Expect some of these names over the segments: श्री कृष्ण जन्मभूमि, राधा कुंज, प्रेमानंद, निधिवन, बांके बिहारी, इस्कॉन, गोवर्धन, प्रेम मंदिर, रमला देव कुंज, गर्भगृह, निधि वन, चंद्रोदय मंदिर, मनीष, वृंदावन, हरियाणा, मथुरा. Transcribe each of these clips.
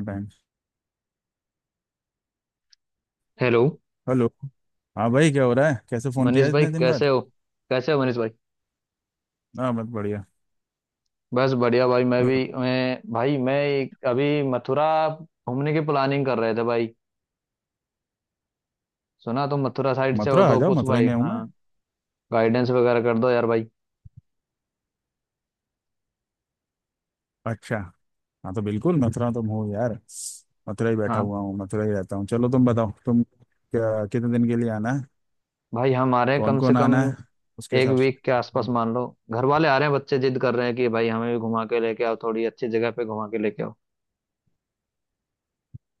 Time. Hello. Hello. हाँ भाई, क्या हो रहा है? कैसे फोन किया मनीष भाई इतने दिन बाद? कैसे हो? कैसे हो मनीष भाई? हाँ, बस बढ़िया। बस बढ़िया भाई। मैं और भी मैं भाई मैं एक- अभी मथुरा घूमने की प्लानिंग कर रहे थे भाई। सुना तुम मथुरा साइड से हो मथुरा आ तो जाओ, कुछ मथुरा ही भाई, में हूँ हाँ मैं। गाइडेंस वगैरह कर दो यार भाई। अच्छा। हाँ तो बिल्कुल मथुरा तुम हो यार? मथुरा ही बैठा हाँ हुआ हूँ, मथुरा ही रहता हूँ। चलो तुम बताओ, तुम क्या कितने दिन के लिए आना है? भाई, हमारे कौन कम से कौन कम आना है? उसके एक हिसाब से। वीक के आसपास मान लो। घर वाले आ रहे हैं, बच्चे जिद कर रहे हैं कि भाई हमें भी घुमा के लेके आओ, थोड़ी अच्छी जगह पे घुमा के लेके आओ।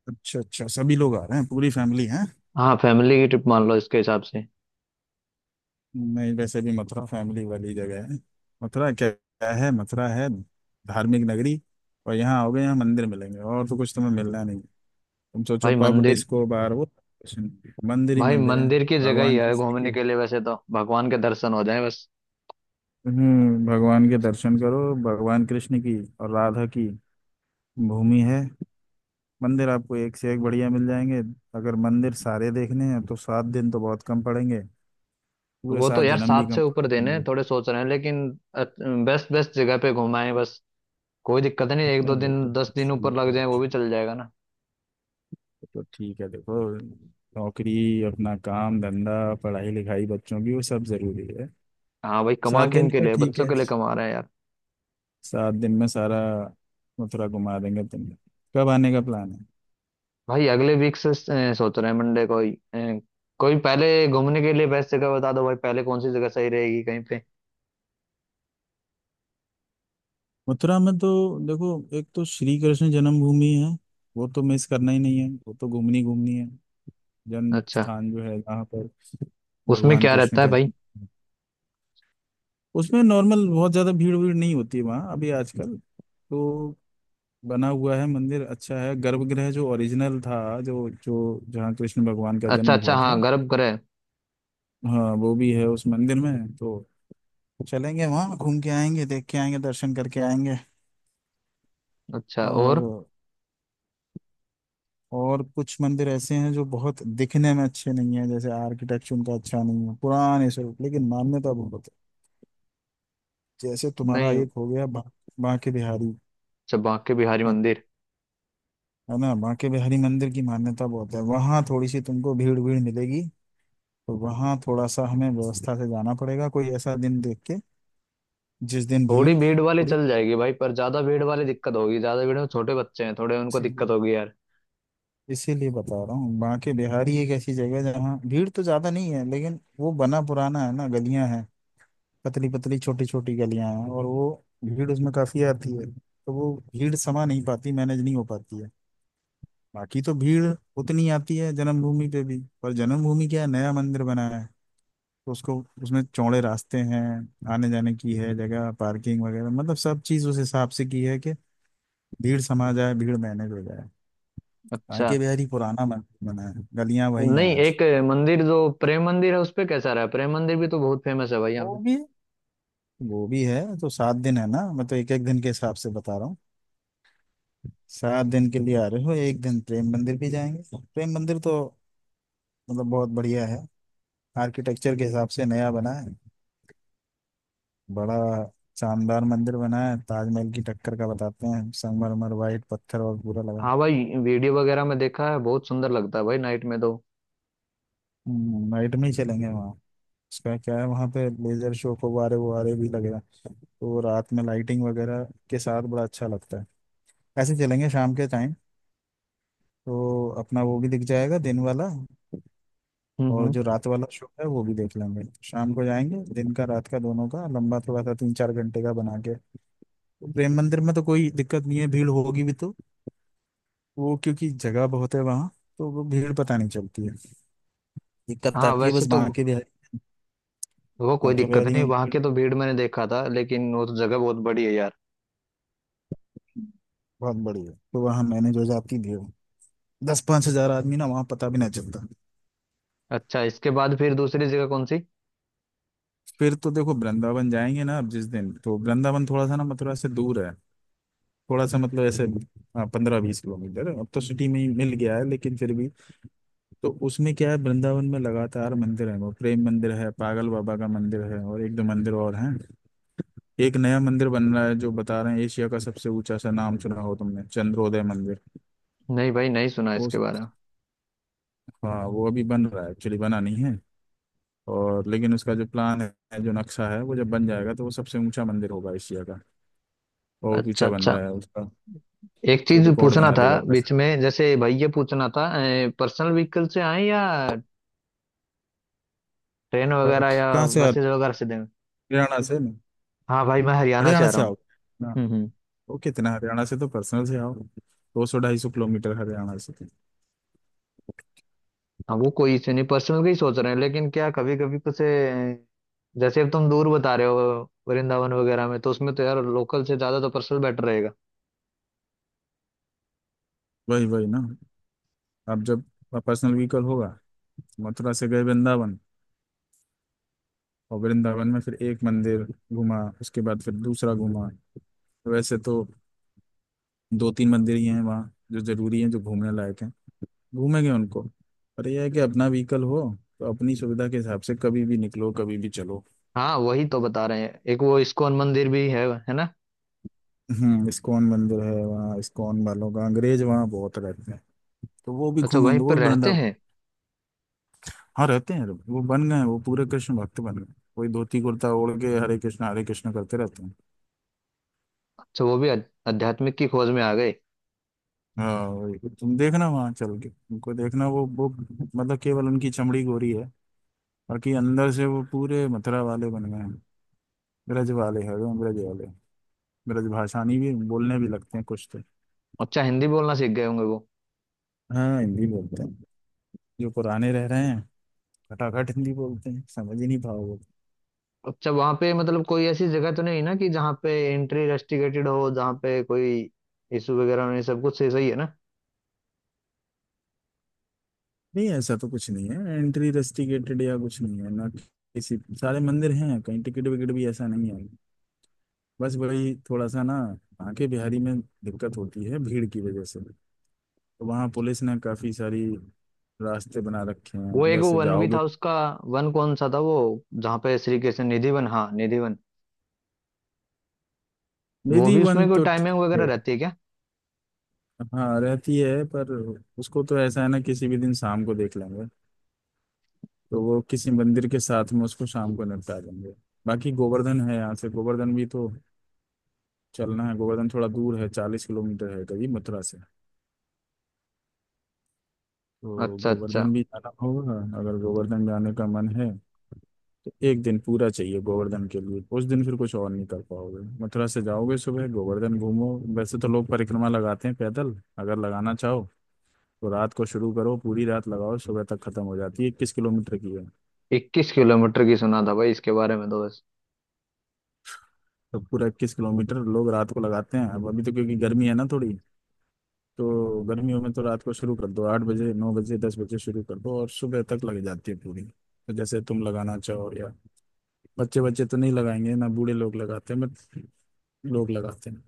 अच्छा अच्छा, सभी लोग आ रहे हैं? पूरी फैमिली है? हाँ, फैमिली की ट्रिप मान लो, इसके हिसाब से। नहीं, वैसे भी मथुरा फैमिली वाली जगह है। मथुरा क्या क्या है? मथुरा है धार्मिक नगरी। और यहाँ आओगे, यहाँ मंदिर मिलेंगे, और तो कुछ तुम्हें मिलना नहीं। तुम सोचो भाई पब मंदिर, डिस्को बार, वो मंदिर ही भाई मंदिर है। मंदिर की जगह ही भगवान है कृष्ण की। घूमने के लिए। वैसे तो भगवान के दर्शन हो जाए बस। भगवान के दर्शन करो, भगवान कृष्ण की और राधा की भूमि है। मंदिर आपको एक से एक बढ़िया मिल जाएंगे। अगर मंदिर सारे देखने हैं तो 7 दिन तो बहुत कम पड़ेंगे। पूरे वो तो सात यार जन्म भी 7 कम से ऊपर देने हैं, पड़ेंगे। थोड़े सोच रहे हैं लेकिन बेस्ट बेस्ट जगह पे घुमाएं बस। कोई दिक्कत नहीं, एक नहीं दो वो तो दिन 10 दिन ऊपर ठीक लग है, जाए वो ठीक भी चल जाएगा ना। है तो ठीक है। देखो नौकरी, अपना काम धंधा, पढ़ाई लिखाई बच्चों की, वो सब जरूरी है। हाँ भाई, कमा सात दिन किन के का लिए, ठीक बच्चों है। के लिए कमा रहे हैं यार। सात दिन में सारा मथुरा घुमा देंगे तुम। कब आने का प्लान है? भाई अगले वीक से सोच रहे हैं, मंडे को ही। कोई पहले घूमने के लिए बेस्ट जगह बता दो भाई, पहले कौन सी जगह सही रहेगी कहीं पे। मथुरा में तो देखो, एक तो श्री कृष्ण जन्मभूमि है। वो तो मिस करना ही नहीं है, वो तो घूमनी घूमनी है। जन्म अच्छा, स्थान जो है, जहाँ पर उसमें भगवान क्या कृष्ण रहता है का भाई? जन्म हुआ। उसमें नॉर्मल बहुत ज्यादा भीड़ भीड़ नहीं होती है वहाँ अभी आजकल। तो बना हुआ है मंदिर, अच्छा है। गर्भगृह जो ओरिजिनल था, जो जो जहाँ कृष्ण भगवान का अच्छा जन्म अच्छा, हुआ हाँ था, गर्भगृह। हाँ वो भी है उस मंदिर में। तो चलेंगे वहाँ, घूम के आएंगे, देख के आएंगे, दर्शन करके आएंगे। अच्छा और? और और कुछ मंदिर ऐसे हैं जो बहुत दिखने में अच्छे नहीं है, जैसे आर्किटेक्चर उनका अच्छा नहीं है, पुराने स्वरूप, लेकिन मान्यता बहुत है। जैसे तुम्हारा नहीं। एक हो गया बांके बिहारी। अच्छा बांके बिहारी मत- मंदिर। है ना, बांके बिहारी मंदिर की मान्यता बहुत है। वहाँ थोड़ी सी तुमको भीड़ भीड़ मिलेगी। तो वहाँ थोड़ा सा हमें व्यवस्था से जाना पड़ेगा, कोई ऐसा दिन देख के जिस दिन थोड़ी भीड़ भीड़ वाली थोड़ी। चल जाएगी भाई, पर ज्यादा भीड़ वाली दिक्कत होगी, ज्यादा भीड़ में छोटे बच्चे हैं, थोड़े उनको दिक्कत होगी यार। इसीलिए बता रहा हूँ, बांके बिहारी एक ऐसी जगह है जहाँ भीड़ तो ज्यादा नहीं है, लेकिन वो बना पुराना है ना, गलियां हैं। पतली पतली छोटी छोटी गलियां हैं, और वो भीड़ उसमें काफी आती है, तो वो भीड़ समा नहीं पाती, मैनेज नहीं हो पाती है। बाकी तो भीड़ उतनी आती है जन्मभूमि पे भी, पर जन्मभूमि क्या है, नया मंदिर बना है। तो उसको, उसमें चौड़े रास्ते हैं, आने जाने की है जगह, पार्किंग वगैरह, मतलब सब चीज उस हिसाब से की है कि भीड़ समा जाए, भीड़ मैनेज हो जाए। अच्छा। बांके बिहारी पुराना मंदिर बना है, गलियां वही हैं नहीं, आज। एक मंदिर जो प्रेम मंदिर है उस पे कैसा रहा? प्रेम मंदिर भी तो बहुत फेमस है भाई यहाँ वो पे। भी, वो भी है। तो सात दिन है ना, मैं तो एक एक दिन के हिसाब से बता रहा हूँ। 7 दिन के लिए आ रहे हो, एक दिन प्रेम मंदिर भी जाएंगे। प्रेम मंदिर तो मतलब बहुत बढ़िया है। आर्किटेक्चर के हिसाब से नया बना है, बड़ा शानदार मंदिर बना है। ताजमहल की टक्कर का बताते हैं, संगमरमर वाइट पत्थर और पूरा लगा। हाँ भाई, वीडियो वगैरह में देखा है, बहुत सुंदर लगता है भाई नाइट में तो। नाइट में ही चलेंगे वहाँ। उसका क्या है, वहाँ पे लेजर शो को वारे वो वारे भी लगेगा। तो रात में लाइटिंग वगैरह के साथ बड़ा अच्छा लगता है। ऐसे चलेंगे शाम के टाइम, तो अपना वो भी दिख जाएगा दिन वाला, हम्म और हम्म। जो रात वाला शो है वो भी देख लेंगे। शाम को जाएंगे, दिन का रात का दोनों का लंबा थोड़ा सा 3 4 घंटे का बना के। प्रेम मंदिर में तो कोई दिक्कत नहीं है, भीड़ होगी भी तो, वो क्योंकि जगह बहुत है वहाँ, तो वो भीड़ पता नहीं चलती है। दिक्कत हाँ आती है वैसे बस तो बांके बिहारी। वो कोई बांके दिक्कत बिहारी नहीं, में वहां भीड़ के तो भीड़ मैंने देखा था लेकिन वो तो जगह बहुत बड़ी है यार। बहुत बड़ी है, तो वहाँ मैनेज हो जाती भीड़। दस पांच हजार आदमी ना वहाँ पता भी ना चलता। अच्छा इसके बाद फिर दूसरी जगह कौन सी? फिर तो देखो वृंदावन जाएंगे ना अब जिस दिन। तो वृंदावन थोड़ा सा ना मथुरा से दूर है, थोड़ा सा मतलब ऐसे, हाँ, 15 20 किलोमीटर। अब तो सिटी में ही मिल गया है, लेकिन फिर भी। तो उसमें क्या है, वृंदावन में लगातार मंदिर है। वो प्रेम मंदिर है, पागल बाबा का मंदिर है, और एक दो मंदिर और हैं। एक नया मंदिर बन रहा है जो बता रहे हैं एशिया का सबसे ऊंचा। सा नाम सुना हो तुमने, चंद्रोदय मंदिर। नहीं भाई, नहीं सुना वो इसके सब, बारे में। हाँ वो अभी बन रहा है, एक्चुअली बना नहीं है। और लेकिन उसका जो प्लान है, जो नक्शा है, वो जब बन जाएगा तो वो सबसे ऊंचा मंदिर होगा एशिया का। बहुत अच्छा ऊंचा बन अच्छा। रहा है उसका, एक तो चीज रिकॉर्ड पूछना बना था, देगा वो वैसे। बीच में जैसे भाई ये पूछना था, पर्सनल व्हीकल से आए या ट्रेन पर वगैरह या कहाँ से आ रहे बसेज हो? वगैरह से दें? हरियाणा से ना? हाँ भाई मैं हरियाणा से हरियाणा आ रहा से हूँ। आओ ना। हम्म। ओके, इतना हरियाणा से तो पर्सनल से आओ, 200 250 किलोमीटर हरियाणा से। हाँ वो कोई इशू नहीं, पर्सनल का ही सोच रहे हैं लेकिन क्या कभी कभी कुछ जैसे अब तुम दूर बता रहे हो, वृंदावन वगैरह में तो उसमें तो यार लोकल से ज्यादा तो पर्सनल बेटर रहेगा। वही वही ना। अब जब पर्सनल व्हीकल होगा, मथुरा से गए वृंदावन, और वृंदावन में फिर एक मंदिर घूमा, उसके बाद फिर दूसरा घूमा। वैसे तो दो तीन मंदिर ही हैं वहाँ जो जरूरी हैं, जो घूमने लायक हैं, घूमेंगे उनको। पर यह है कि अपना व्हीकल हो, तो अपनी सुविधा के हिसाब से कभी भी निकलो कभी भी चलो। हाँ वही तो बता रहे हैं, एक वो इस्कॉन मंदिर भी है ना? इस्कॉन मंदिर है वहाँ, इस्कॉन वालों का, अंग्रेज वहाँ बहुत रहते हैं। तो वो भी अच्छा, वहीं घूमेंगे, वो पर भी रहते वृंदावन। हैं? हाँ रहते हैं, वो बन गए हैं, वो पूरे कृष्ण भक्त बन गए। कोई धोती कुर्ता ओढ़ के हरे कृष्ण करते रहते हैं। अच्छा वो भी आध्यात्मिक की खोज में आ गए। हाँ वही। तुम देखना वहां चल के उनको देखना, वो मतलब केवल उनकी चमड़ी गोरी है, बाकी अंदर से वो पूरे मथुरा वाले बन गए हैं। ब्रज वाले हैं वो, ब्रज वाले। ब्रज भाषानी भी बोलने भी लगते हैं कुछ तो। अच्छा, हिंदी बोलना सीख गए होंगे वो। हाँ हिंदी बोलते हैं, जो पुराने रह रहे हैं खटाखट हिंदी बोलते हैं, समझ ही नहीं पाओगे। अच्छा वहां पे मतलब कोई ऐसी जगह तो नहीं ना कि जहाँ पे एंट्री रेस्ट्रिक्टेड हो, जहाँ पे कोई इशू वगैरह नहीं, सब कुछ सही सही है ना? नहीं, ऐसा तो कुछ नहीं है एंट्री रेस्ट्रिक्टेड या कुछ नहीं है ना किसी, सारे मंदिर हैं। कहीं टिकट विकट भी ऐसा नहीं है। बस वही थोड़ा सा ना आके बिहारी में दिक्कत होती है भीड़ की वजह से। तो वहाँ पुलिस ने काफी सारी रास्ते बना रखे हैं, वो एक उधर वो से वन भी जाओगे। था उसका, वन कौन सा था वो, जहाँ पे श्री कृष्ण, निधिवन, हाँ निधिवन। वो निधि भी वन उसमें कोई तो ठीक टाइमिंग वगैरह है, रहती है क्या? हाँ रहती है। पर उसको तो ऐसा है ना, किसी भी दिन शाम को देख लेंगे। तो वो किसी मंदिर के साथ में उसको शाम को निपटा देंगे। बाकी गोवर्धन है यहाँ से, गोवर्धन भी तो चलना है। गोवर्धन थोड़ा दूर है, 40 किलोमीटर है करीब मथुरा से। तो अच्छा अच्छा। गोवर्धन भी जाना होगा। अगर गोवर्धन जाने का मन है तो एक दिन पूरा चाहिए गोवर्धन के लिए। उस दिन फिर कुछ और नहीं कर पाओगे। मथुरा से जाओगे सुबह, गोवर्धन घूमो। वैसे तो लोग परिक्रमा लगाते हैं पैदल। अगर लगाना चाहो तो रात को शुरू करो, पूरी रात लगाओ, सुबह तक खत्म हो जाती है। 21 किलोमीटर की है। 21 किलोमीटर की सुना था भाई इसके बारे में तो बस। तो पूरा 21 किलोमीटर लोग रात को लगाते हैं। अब अभी तो क्योंकि गर्मी है ना थोड़ी, तो गर्मियों में तो रात को शुरू कर दो। 8 बजे, 9 बजे, 10 बजे शुरू कर दो और सुबह तक लग जाती है पूरी। तो जैसे तुम लगाना चाहो या, बच्चे बच्चे तो नहीं लगाएंगे ना, बूढ़े लोग लगाते हैं बट लोग लगाते हैं।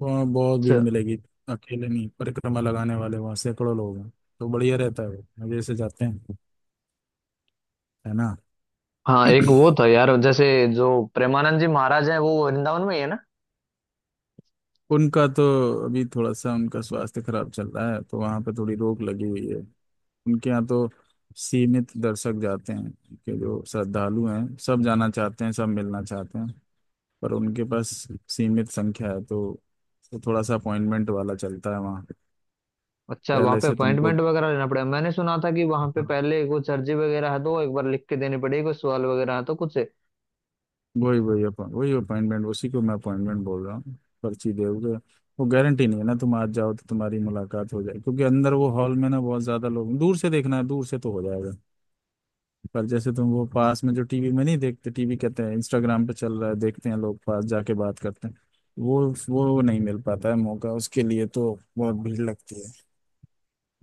वहाँ बहुत भीड़ अच्छा, मिलेगी, अकेले नहीं। परिक्रमा लगाने वाले वहाँ सैकड़ों लोग हैं, तो बढ़िया रहता है, वो मजे से जाते हैं, है ना। हाँ एक वो था यार, जैसे जो प्रेमानंद जी महाराज है वो वृंदावन में ही है ना? उनका तो अभी थोड़ा सा उनका स्वास्थ्य खराब चल रहा है, तो वहाँ पे थोड़ी रोक लगी हुई है। उनके यहाँ तो सीमित दर्शक जाते हैं। उनके जो श्रद्धालु हैं सब जाना चाहते हैं, सब मिलना चाहते हैं, पर उनके पास सीमित संख्या है। तो थोड़ा सा अपॉइंटमेंट वाला चलता है वहाँ। अच्छा, वहां पहले पे से तुमको अपॉइंटमेंट वगैरह लेना पड़ेगा? मैंने सुना था कि वहां पे पहले कुछ अर्जी वगैरह है तो वो एक बार लिख के देनी पड़ेगी, कुछ सवाल वगैरह है तो कुछ है। वही वही अपॉइंट, वही अपॉइंटमेंट, उसी को मैं अपॉइंटमेंट बोल रहा हूँ। पर्ची दोगे, वो गारंटी नहीं है ना तुम आज जाओ तो तुम्हारी मुलाकात हो जाए। क्योंकि अंदर वो हॉल में ना बहुत ज्यादा लोग, दूर से देखना है दूर से तो हो जाएगा, पर जैसे तुम वो पास में जो टीवी में नहीं देखते, टीवी कहते हैं इंस्टाग्राम पे चल रहा है, देखते हैं लोग पास जाके बात करते हैं, वो वो नहीं मिल पाता है मौका। उसके लिए तो बहुत भीड़ लगती है।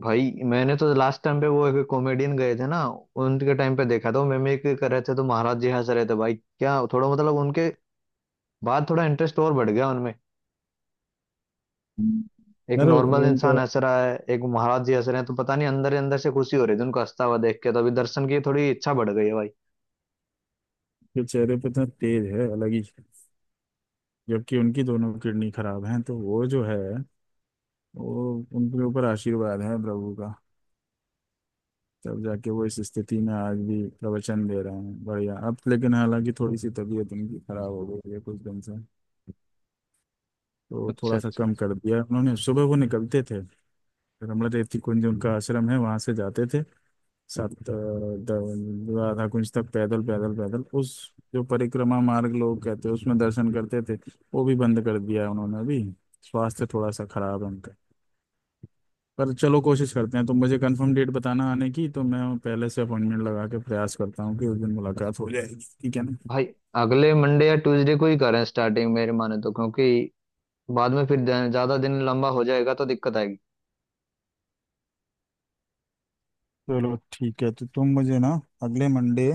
भाई मैंने तो लास्ट टाइम पे वो एक कॉमेडियन गए थे ना, उनके टाइम पे देखा था, वो मिमिक्री कर रहे थे तो महाराज जी हंस रहे थे भाई। क्या थोड़ा मतलब उनके बाद थोड़ा इंटरेस्ट और बढ़ गया उनमें। एक यार नॉर्मल इंसान उनका हंस रहा है, एक महाराज जी हंस रहे हैं तो पता नहीं अंदर ही अंदर से खुशी हो रही थी उनको हंसता हुआ देख के, तो अभी दर्शन की थोड़ी इच्छा बढ़ गई है भाई। के चेहरे पे इतना तेज है, अलग ही। जबकि उनकी दोनों किडनी खराब हैं, तो वो जो है वो उनके ऊपर आशीर्वाद है प्रभु का। तब जाके वो इस स्थिति में आज भी प्रवचन दे रहे हैं बढ़िया। अब लेकिन हालांकि थोड़ी सी तबीयत उनकी खराब हो गई है कुछ दिन से, तो अच्छा थोड़ा सा अच्छा। कम कर दिया उन्होंने। सुबह वो निकलते थे, रमला देव कुंज उनका आश्रम है, वहां से जाते थे सात राधा कुंज तक, पैदल पैदल पैदल उस जो परिक्रमा मार्ग लोग कहते हैं, उसमें दर्शन करते थे। वो भी बंद कर दिया है उन्होंने अभी, स्वास्थ्य थोड़ा सा खराब है। पर चलो, कोशिश करते हैं। तुम मुझे कंफर्म डेट बताना आने की, तो मैं पहले से अपॉइंटमेंट लगा के प्रयास करता हूँ कि उस दिन मुलाकात हो जाएगी। ठीक है ना? भाई अगले मंडे या ट्यूसडे को ही करें स्टार्टिंग, मेरे माने तो, क्योंकि बाद में फिर ज्यादा दिन लंबा हो जाएगा तो दिक्कत आएगी। चलो ठीक है, तो तुम मुझे ना अगले मंडे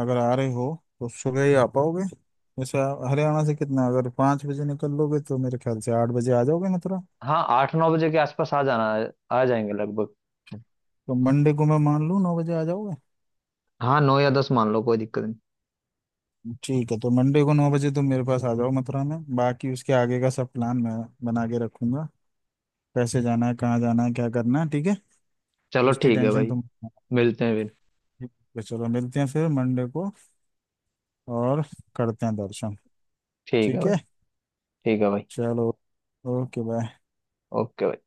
अगर आ रहे हो तो सुबह ही आ पाओगे। जैसे आप हरियाणा से कितना, अगर 5 बजे निकल लोगे तो मेरे ख्याल से 8 बजे आ जाओगे मथुरा। हाँ 8-9 बजे के आसपास आ जाना, आ जाएंगे लगभग। तो मंडे को मैं मान लूँ 9 बजे आ जाओगे। हाँ 9 या 10 मान लो, कोई दिक्कत नहीं। ठीक है, तो मंडे को 9 बजे तुम मेरे पास आ जाओ मथुरा में, बाकी उसके आगे का सब प्लान मैं बना के रखूंगा। कैसे जाना है, कहाँ जाना है, क्या करना है, ठीक है? चलो उसकी ठीक है टेंशन भाई, तुम, मिलते हैं फिर। ठीक है, चलो मिलते हैं फिर मंडे को, और करते हैं दर्शन। ठीक है ठीक भाई। है, ठीक है भाई। चलो, ओके बाय। ओके भाई।